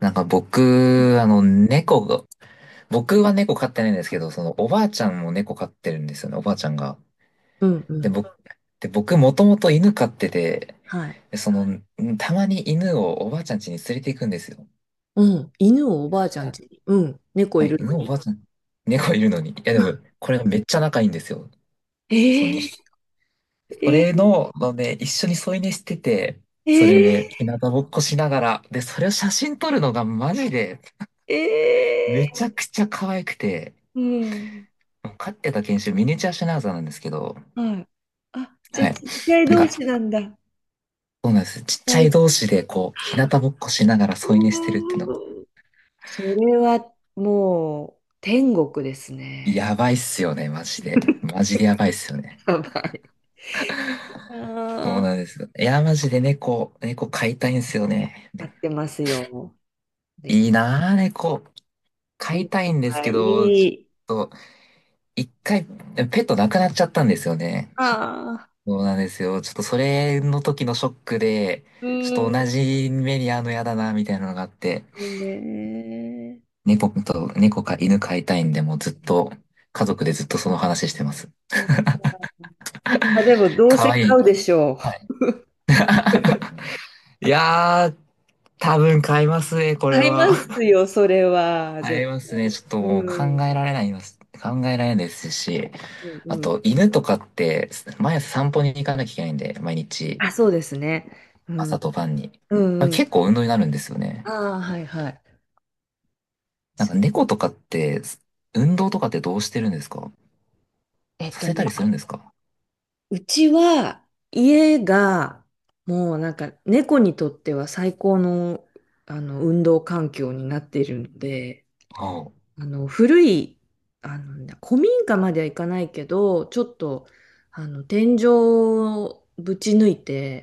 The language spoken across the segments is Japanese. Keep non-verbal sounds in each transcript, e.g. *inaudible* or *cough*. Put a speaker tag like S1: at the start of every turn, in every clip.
S1: なんか僕、あの、猫が、僕は猫飼ってないんですけど、そのおばあちゃんも猫飼ってるんですよね、おばあちゃんが。
S2: うんう
S1: で、
S2: ん。
S1: 僕、で、僕もともと犬飼ってて、
S2: はい。
S1: で、たまに犬をおばあちゃん家に連れて行くんですよ。
S2: うん。犬をおばあちゃん家
S1: あ、
S2: に。うん。猫
S1: は
S2: い
S1: い。
S2: るの
S1: 犬お
S2: に。
S1: ばあちゃん、猫いるのに。いや、でも、これがめっちゃ仲いいんですよ。そう、2、そ
S2: えええ
S1: れの、一緒に添い寝してて、それで、日
S2: ええ
S1: 向ぼっこしながら、で、それを写真撮るのがマジで、め
S2: え、
S1: ちゃくちゃ可愛くて、
S2: うん、
S1: 飼ってた犬種、ミニチュアシュナウザーなんですけど、
S2: はい。あ、じゃあ
S1: はい。
S2: ちっちゃい
S1: なん
S2: 同
S1: か、
S2: 士なんだ。
S1: そうなんです。ちっちゃい
S2: 最
S1: 同士で、こう、日向ぼっこしながら添い寝してるっての、
S2: 高。それはもう天国です
S1: や
S2: ね。
S1: ばいっすよね、マジで。マジでやばいっすよね。
S2: やばい。
S1: そう
S2: あー、
S1: なんですよ。いや、マジで猫飼いたいんですよね。
S2: 合ってますよ。で、
S1: いいなぁ、猫。飼いたい
S2: 猫
S1: んです
S2: が
S1: け
S2: い
S1: ど、ち
S2: い。
S1: ょっと、一回、ペットなくなっちゃったんですよね。そ
S2: ああ、
S1: うなんですよ。ちょっとそれの時のショックで、
S2: う
S1: ちょっと
S2: ん、い
S1: 同じ目に遭うのやだな、みたいなのがあって、
S2: いね。
S1: 猫か犬飼いたいんで、もうずっと、家族でずっとその話してます。
S2: あ、でもどう
S1: か
S2: せ
S1: わいい。
S2: 買うでしょう。
S1: はい。*laughs* いやー、多分買いますね、これ
S2: 買いま
S1: は。
S2: すよ、それは。
S1: 買いますね。ちょっと
S2: う
S1: もう考
S2: ん、
S1: えられないます。考えられないですし、
S2: う
S1: あ
S2: んうん。
S1: と犬とかって、毎朝散歩に行かなきゃいけないんで、毎日、
S2: あ、そうですね。うん、
S1: 朝と晩に。
S2: う
S1: あ、
S2: んうん。
S1: 結構運動になるんですよね。
S2: ああ、はいはい。
S1: なんか猫とかって、運動とかってどうしてるんですか？
S2: えっ
S1: さ
S2: と
S1: せ
S2: ね、
S1: たりするんですか？
S2: うちは家はもうなんか猫にとっては最高の、あの、で、
S1: ああ、
S2: あの、いい、あの民家まではいかんと、手をぶち抜いて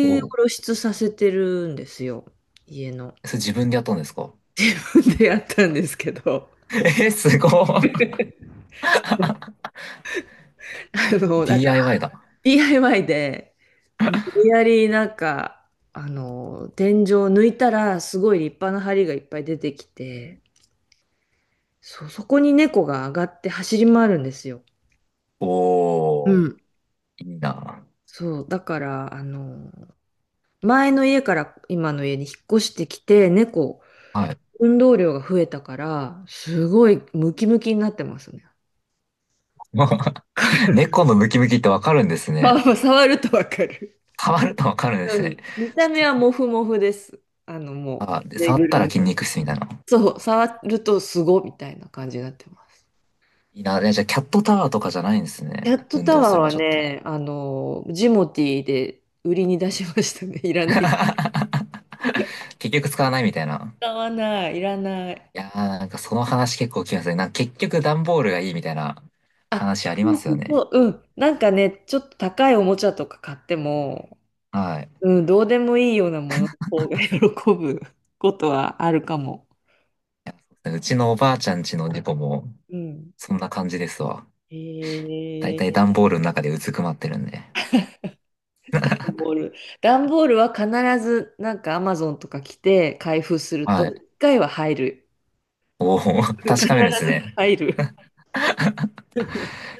S1: おう。
S2: させてるんですよ。家の。
S1: それ自分でやったんですか？
S2: *laughs* でやったんですけど、
S1: *laughs* え、すごい。
S2: なんか
S1: DIY だ。
S2: DIY で、無理やりなんか、天井を抜いたらすごい立派な梁がいっぱい出てきて、そこに猫が上がって走り回るんですよ。う
S1: おー、
S2: ん。
S1: いいな。
S2: そう、だから、前の家から今の家に引っ越してきて、猫、
S1: はい。
S2: 運動量が増えたから、すごいムキムキになってますね。
S1: *laughs*
S2: *laughs*
S1: 猫のムキムキってわかるんです
S2: まあ、
S1: ね。
S2: まあ触るとわかる。
S1: 触るとわかるんです
S2: う
S1: ね。
S2: ん。見た
S1: ち
S2: 目
S1: ょ
S2: は
S1: っ
S2: モフモフです。あの、も
S1: と、あ、で、
S2: ぬい
S1: 触っ
S2: ぐ
S1: た
S2: る
S1: ら
S2: み。
S1: 筋肉質みたいな。
S2: そう、触るとすごみたいな感じになってます。
S1: いいな。え、じゃあ、キャットタワーとかじゃないんです
S2: キ
S1: ね。
S2: ャット
S1: 運
S2: タ
S1: 動
S2: ワー
S1: する場
S2: は
S1: 所って。
S2: ね、ジモティーで売りに出しましたね。*laughs* いらな
S1: *laughs*
S2: い。
S1: 結局使わないみたいな。
S2: 使わない、いらない。
S1: いやー、なんかその話結構聞きますね。なんか結局段ボールがいいみたいな
S2: あ、
S1: 話あり
S2: そ
S1: ま
S2: う
S1: す
S2: そ
S1: よ
S2: うそ
S1: ね。
S2: う、うん。なんかね、ちょっと高いおもちゃとか買っても、
S1: はい。
S2: うん、どうでもいいようなものの方が喜ぶ *laughs* ことはあるかも。
S1: うちのおばあちゃんちの猫も、
S2: うん。
S1: そんな感じですわ。だい
S2: え
S1: たい
S2: ー、
S1: 段ボールの中でうずくまってるんで。
S2: 段ボール。段ボールは必ず、なんかアマゾンとか来て開封すると、
S1: はい。
S2: 一回は入る。
S1: おお、*laughs*
S2: 必
S1: 確かめるんです
S2: ず
S1: ね。
S2: 入る。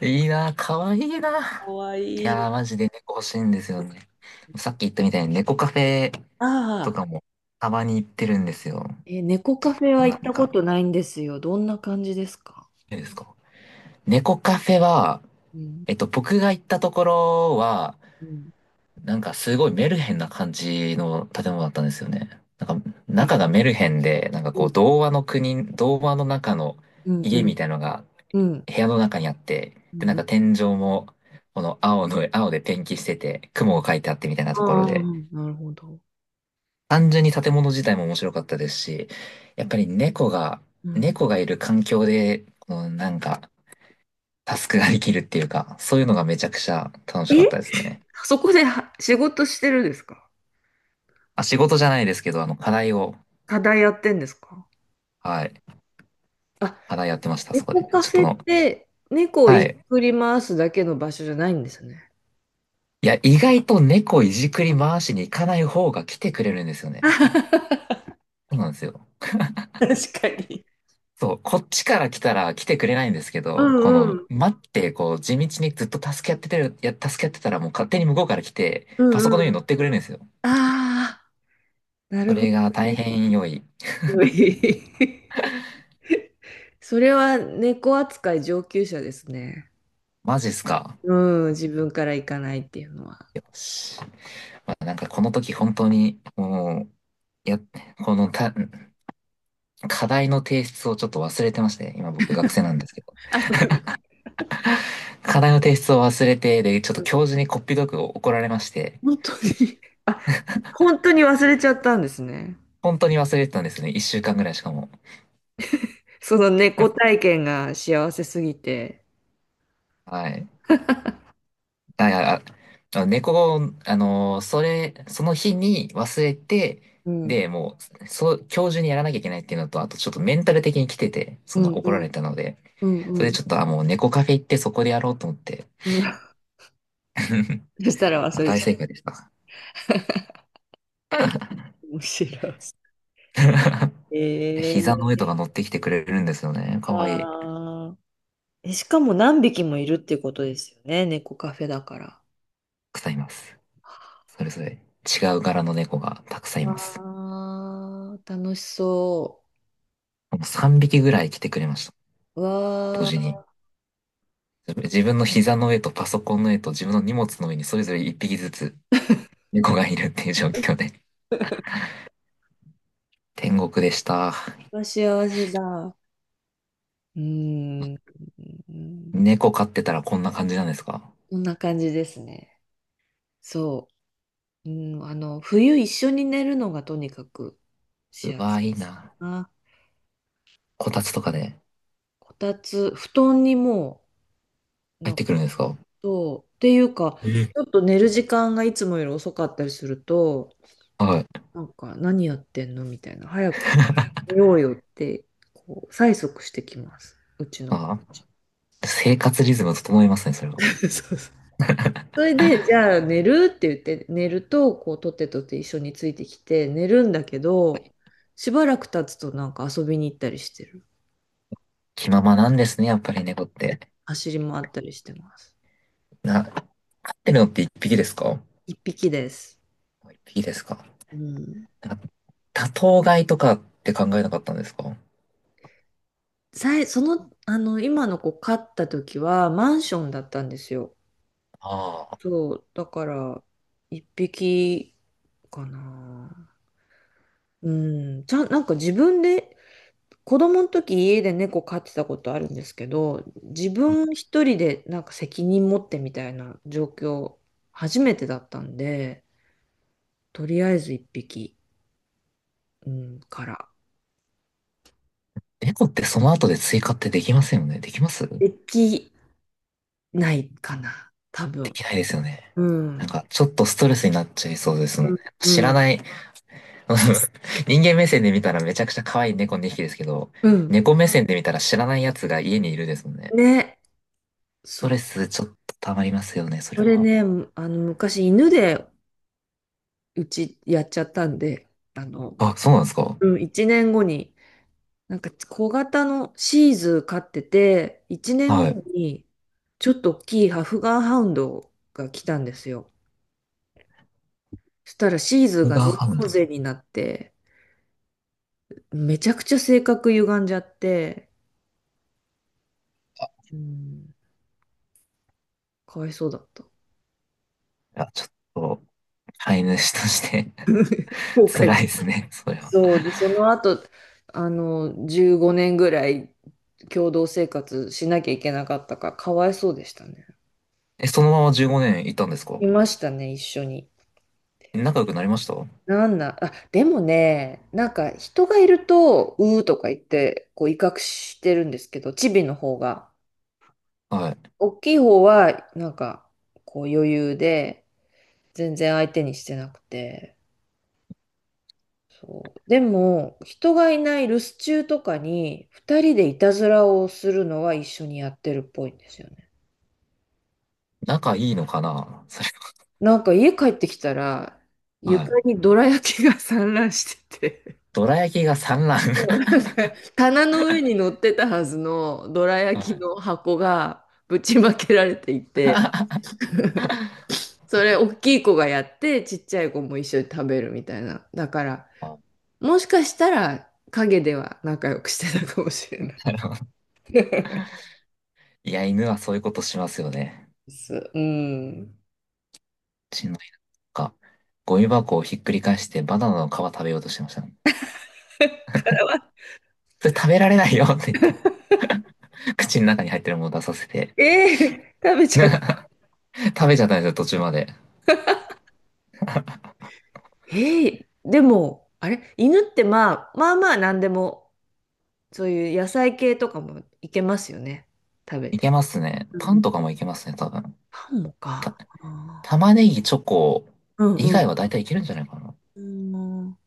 S1: いいなぁ、かわいいな
S2: かわ
S1: ぁ。い
S2: いい。
S1: やー、マジで猫欲しいんですよね。さっき言ったみたいに猫カフェ
S2: あ
S1: と
S2: あ。
S1: かもたまに行ってるんですよ。
S2: え、猫カフェは行
S1: な
S2: っ
S1: ん
S2: たこ
S1: か、
S2: とないんですよ。どんな感じですか？
S1: いいですか？猫カフェは、
S2: うん、
S1: 僕が行ったところは、
S2: うん、
S1: なんかすごいメルヘンな感じの建物だったんですよね。なんか、
S2: え、
S1: 中がメルヘンで、なんか
S2: う
S1: こ
S2: ん
S1: う、童話の国、童話の中の
S2: うんう
S1: 家
S2: ん
S1: みたいのが
S2: うん
S1: 部屋の中にあって、
S2: う
S1: で、なん
S2: ん、
S1: か天井も、この青の、青でペンキしてて、雲が描いてあってみたいなところ
S2: ああ、
S1: で、
S2: なるほど。
S1: 単純に建物自体も面白かったですし、やっぱり猫が、
S2: うん。
S1: 猫がいる環境で、このなんか、タスクができるっていうか、そういうのがめちゃくちゃ楽しか
S2: え、
S1: ったですね。
S2: そこでは仕事してるんですか？
S1: あ、仕事じゃないですけど、課題を、
S2: 課題やってんですか？
S1: はい、
S2: あ、
S1: 課題やってました、そこで。
S2: 猫カ
S1: ちょっ
S2: フ
S1: と
S2: ェ
S1: の、
S2: って猫をい
S1: は
S2: じ
S1: い。
S2: くり回すだけの場所じゃないんですね。
S1: いや、意外と猫いじくり回しに行かない方が来てくれるんですよね。そうなんですよ。そう、こっちから来たら来てくれないんですけ
S2: う
S1: ど、こ
S2: んう
S1: の、
S2: ん
S1: 待って、こう、地道にずっと助け合っててる、助け合ってたらもう勝手に向こうから来て、
S2: う
S1: パソコンの
S2: ん
S1: 上
S2: う
S1: に
S2: ん。
S1: 乗ってくれるんですよ。
S2: ああ、な
S1: そ
S2: るほ
S1: れ
S2: ど
S1: が大
S2: ね。
S1: 変良い。
S2: *laughs* すごい。 *laughs* それは猫扱い上級者ですね。
S1: マジっすか。
S2: うん、自分から行かないっていうのは。
S1: よし。まあ、なんかこの時本当に、もう、や、このた、課題の提出をちょっと忘れてまして、今僕学生なんですけど。課題の提出を忘れて、で、ちょっと教授にこっぴどく怒られまして、
S2: 本当に。 *laughs* あ、本当に忘れちゃったんですね。
S1: 本当に忘れてたんですね。一週間ぐらいしかも。
S2: その猫体験が幸せすぎて。
S1: はい。あ、猫、その日に忘れて、
S2: うん、
S1: で、もう、そう、今日中にやらなきゃいけないっていうのと、あとちょっとメンタル的に来てて、
S2: う
S1: その
S2: ん、う
S1: 怒ら
S2: ん、
S1: れたので、
S2: うん、う
S1: そ
S2: ん。
S1: れ
S2: う
S1: で
S2: ん。
S1: ちょっと、あ、もう猫カフェ行ってそこでやろうと思って、
S2: *laughs*
S1: *laughs*
S2: そしたら
S1: ま
S2: 忘
S1: あ
S2: れ
S1: 大
S2: ちゃっ
S1: 正解でした。
S2: た。面白
S1: *laughs*
S2: い。え
S1: 膝の
S2: ー、
S1: 上とか乗ってきてくれるんですよね。かわいい。た
S2: あー、え、しかも何匹もいるっていうことですよね。猫カフェだから。
S1: くさんいます。それぞれ違う柄の猫がたくさんいます。
S2: わあ、楽しそ
S1: もう3匹ぐらい来てくれました。
S2: う。わ
S1: 同時に。自分の膝の上とパソコンの上と自分の荷物の上にそれぞれ1匹ずつ猫がいるっていう状況で。天国でした。
S2: あ、幸せだ。うーん。
S1: 猫飼ってたらこんな感じなんですか？
S2: こんな感じですね。そう。うん、冬一緒に寝るのがとにかく
S1: う
S2: 幸せ
S1: わ、いいな。
S2: な。
S1: こたつとかで
S2: こたつ、布団の、
S1: 入
S2: な
S1: っ
S2: ん
S1: てくるんで
S2: か、
S1: すか？
S2: そう、っていうか、
S1: え、
S2: ちょっと寝る時間がいつもよ、
S1: はい。
S2: なんか、何やってんのみたいな、早く寝ようよって、こう、催促してきます、うちの子。
S1: ああ、生活リズム整いますね、それは。
S2: *laughs* そうそう。それで、じゃあ寝るって言って、寝ると、こう、とってとって一緒についてきて、寝るんだけど、しばらく経つとなんか遊びに行ったりしてる。
S1: 気ままなんですね、やっぱり猫って。
S2: 走り回ったりしてます。
S1: 飼ってるのって一匹ですか？
S2: 一匹です。
S1: 一匹ですか？
S2: うん。
S1: なんか多頭飼いとかって考えなかったんですか？
S2: その、今の子飼った時はマンションだったんですよ。
S1: ああ、
S2: そう、だから、一匹かな。うん、ちゃん、なんか自分で、子供の時家で猫飼ってたことあるんですけど、自分一人でなんか責任持ってみたいな状況、初めてだったんで、とりあえず一匹、うん、から。
S1: 猫ってその後で追加ってできませんよね。できます？
S2: できないかな、多
S1: で
S2: 分。
S1: きないですよね。
S2: う
S1: なん
S2: ん、
S1: か、ちょっとストレスになっちゃいそうですもんね。
S2: う
S1: 知ら
S2: ん、
S1: ない、*laughs* 人間目線で見たらめちゃくちゃ可愛い猫2匹ですけど、
S2: うん。
S1: 猫目線で見たら知らないやつが家にいるですもんね。ス
S2: ね、そ
S1: トレ
S2: う。
S1: スちょっと溜まりますよね、そ
S2: そ
S1: れ
S2: れ
S1: は。
S2: ね、昔犬でうちやっちゃったんで、あの、
S1: あ、そうなんですか？
S2: うん、1年後に、なんか小型のシーズー飼ってて、1年
S1: は
S2: 後
S1: い。
S2: にちょっと大きいハフガンハウンドが来たんですよ。そしたらシーズー
S1: 僕
S2: が
S1: が
S2: ノ
S1: わ
S2: イ
S1: かん
S2: ロ
S1: な
S2: ー
S1: い。い
S2: ゼになって、めちゃくちゃ性格歪んじゃって、うん、かわいそうだった。
S1: や、ちょっと、飼い主として *laughs*
S2: 後悔
S1: 辛いで
S2: し
S1: すね、それは。
S2: そうで、その後、15年ぐらい共同生活しなきゃいけなかったから、かわいそうでしたね。
S1: え、そのまま15年いたんですか？
S2: いましたね、一緒に。
S1: 仲良くなりました？
S2: なんな、あ、でもね、なんか人がいると、うーとか言って、こう威嚇してるんですけど、チビの方が。
S1: はい。
S2: 大きい方は、なんか、こう余裕で、全然相手にしてなくて。そう。でも、人がいない留守中とかに、二人でいたずらをするのは一緒にやってるっぽいんですよね。
S1: 仲いいのかな、それ
S2: なんか家帰ってきたら、
S1: は。は
S2: 床
S1: い。
S2: にどら焼きが散乱してて、
S1: どら焼きが産卵。
S2: なんか棚の上に乗ってたはずのどら
S1: *laughs*
S2: 焼
S1: は
S2: き
S1: い。
S2: の箱がぶちまけられていて、それ大きい子がやってちっちゃい子も一緒に食べるみたいな。だから、
S1: あ、
S2: もしかしたら陰では仲良くしてたかもしれない
S1: なるほど。いや、犬はそういうことしますよね。
S2: です。うん。
S1: うちの犬が、ゴミ箱をひっくり返してバナナの皮食べようとしてましたね。
S2: *laughs*
S1: それ食べられないよって言って、*laughs* 口の中に入ってるものを出させて、
S2: ええ、食べちゃった。
S1: 食べちゃったんですよ、途中まで。
S2: ええ、でも、あれ、犬ってまあ、まあまあ何でも、そういう野菜系とかもいけますよね。食べ
S1: いけ
S2: て。
S1: ますね。パンとかもいけますね、多分。
S2: パンも
S1: た、
S2: か。
S1: 玉ねぎ、チョコ
S2: う
S1: 以
S2: ん
S1: 外
S2: う
S1: は大体いけるんじゃないかな。
S2: ん。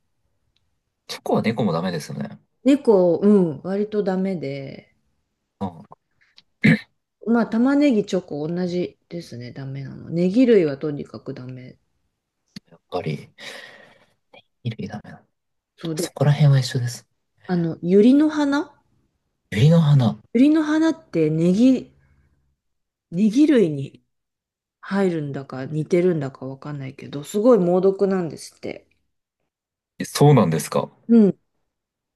S1: チョコは猫もダメですよね。
S2: 猫、うん、割とダメで、
S1: うん、や
S2: まあ、玉ねぎ、チョコ、同じですね、ダメなの。ネギ類はとにかくダメ。
S1: っぱり、衣類ダメだ。
S2: そう
S1: そ
S2: で、
S1: こら辺は一緒です。
S2: あの、ユリの花
S1: ユリの花。
S2: ユリの花ってネギ類に入るんだか似てるんだかわかんないけど、すごい猛毒なんですって。
S1: え、そうなんですか。
S2: うん。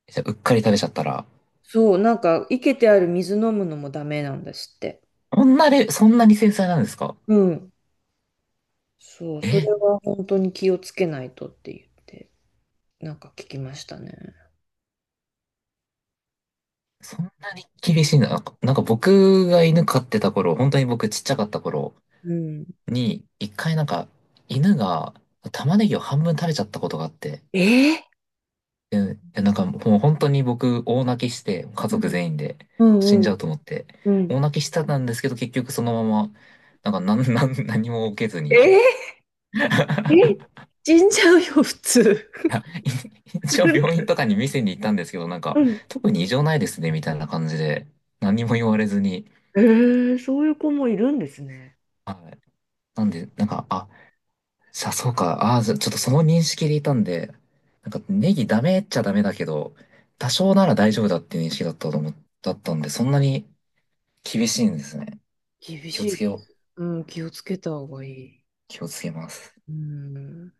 S1: じゃあ、うっかり食べちゃったら、
S2: そう、なんか、生けてある水飲むのもダメなんですって。
S1: そんなに、そんなに繊細なんですか？
S2: うん。そう、
S1: え
S2: そ
S1: ー、
S2: れは本当に気をつけないとって言って、なんか聞きましたね。
S1: そんなに厳しいな。なんか僕が犬飼ってた頃、本当に僕ちっちゃかった頃
S2: うん。
S1: に、一回なんか犬が玉ねぎを半分食べちゃったことがあって、
S2: えー、
S1: で、なんかもう本当に僕大泣きして、家族全員で
S2: うん
S1: 死ん
S2: う
S1: じゃう
S2: ん。
S1: と思って、
S2: うん。
S1: 大泣きしてたんですけど結局そのまま、なんかなん *laughs* 何も受けずに。*laughs*
S2: えー、え、死んじゃうよ、普通。
S1: いや、一応病院とかに見せに行ったんですけど、なんか
S2: うん。
S1: 特に異常ないですねみたいな感じで、何も言われずに、
S2: えー、そういう子もいるんですね。
S1: はい。なんで、なんか、あ、さあ、そうか。ああ、じゃちょっとその認識でいたんで、なんかネギダメっちゃダメだけど、多少なら大丈夫だっていう認識だっただったんで、そんなに厳しいんですね。
S2: 厳
S1: 気を
S2: しい
S1: つ
S2: で
S1: けよう。
S2: す。うん、気をつけた方がいい。
S1: 気をつけます。
S2: うん。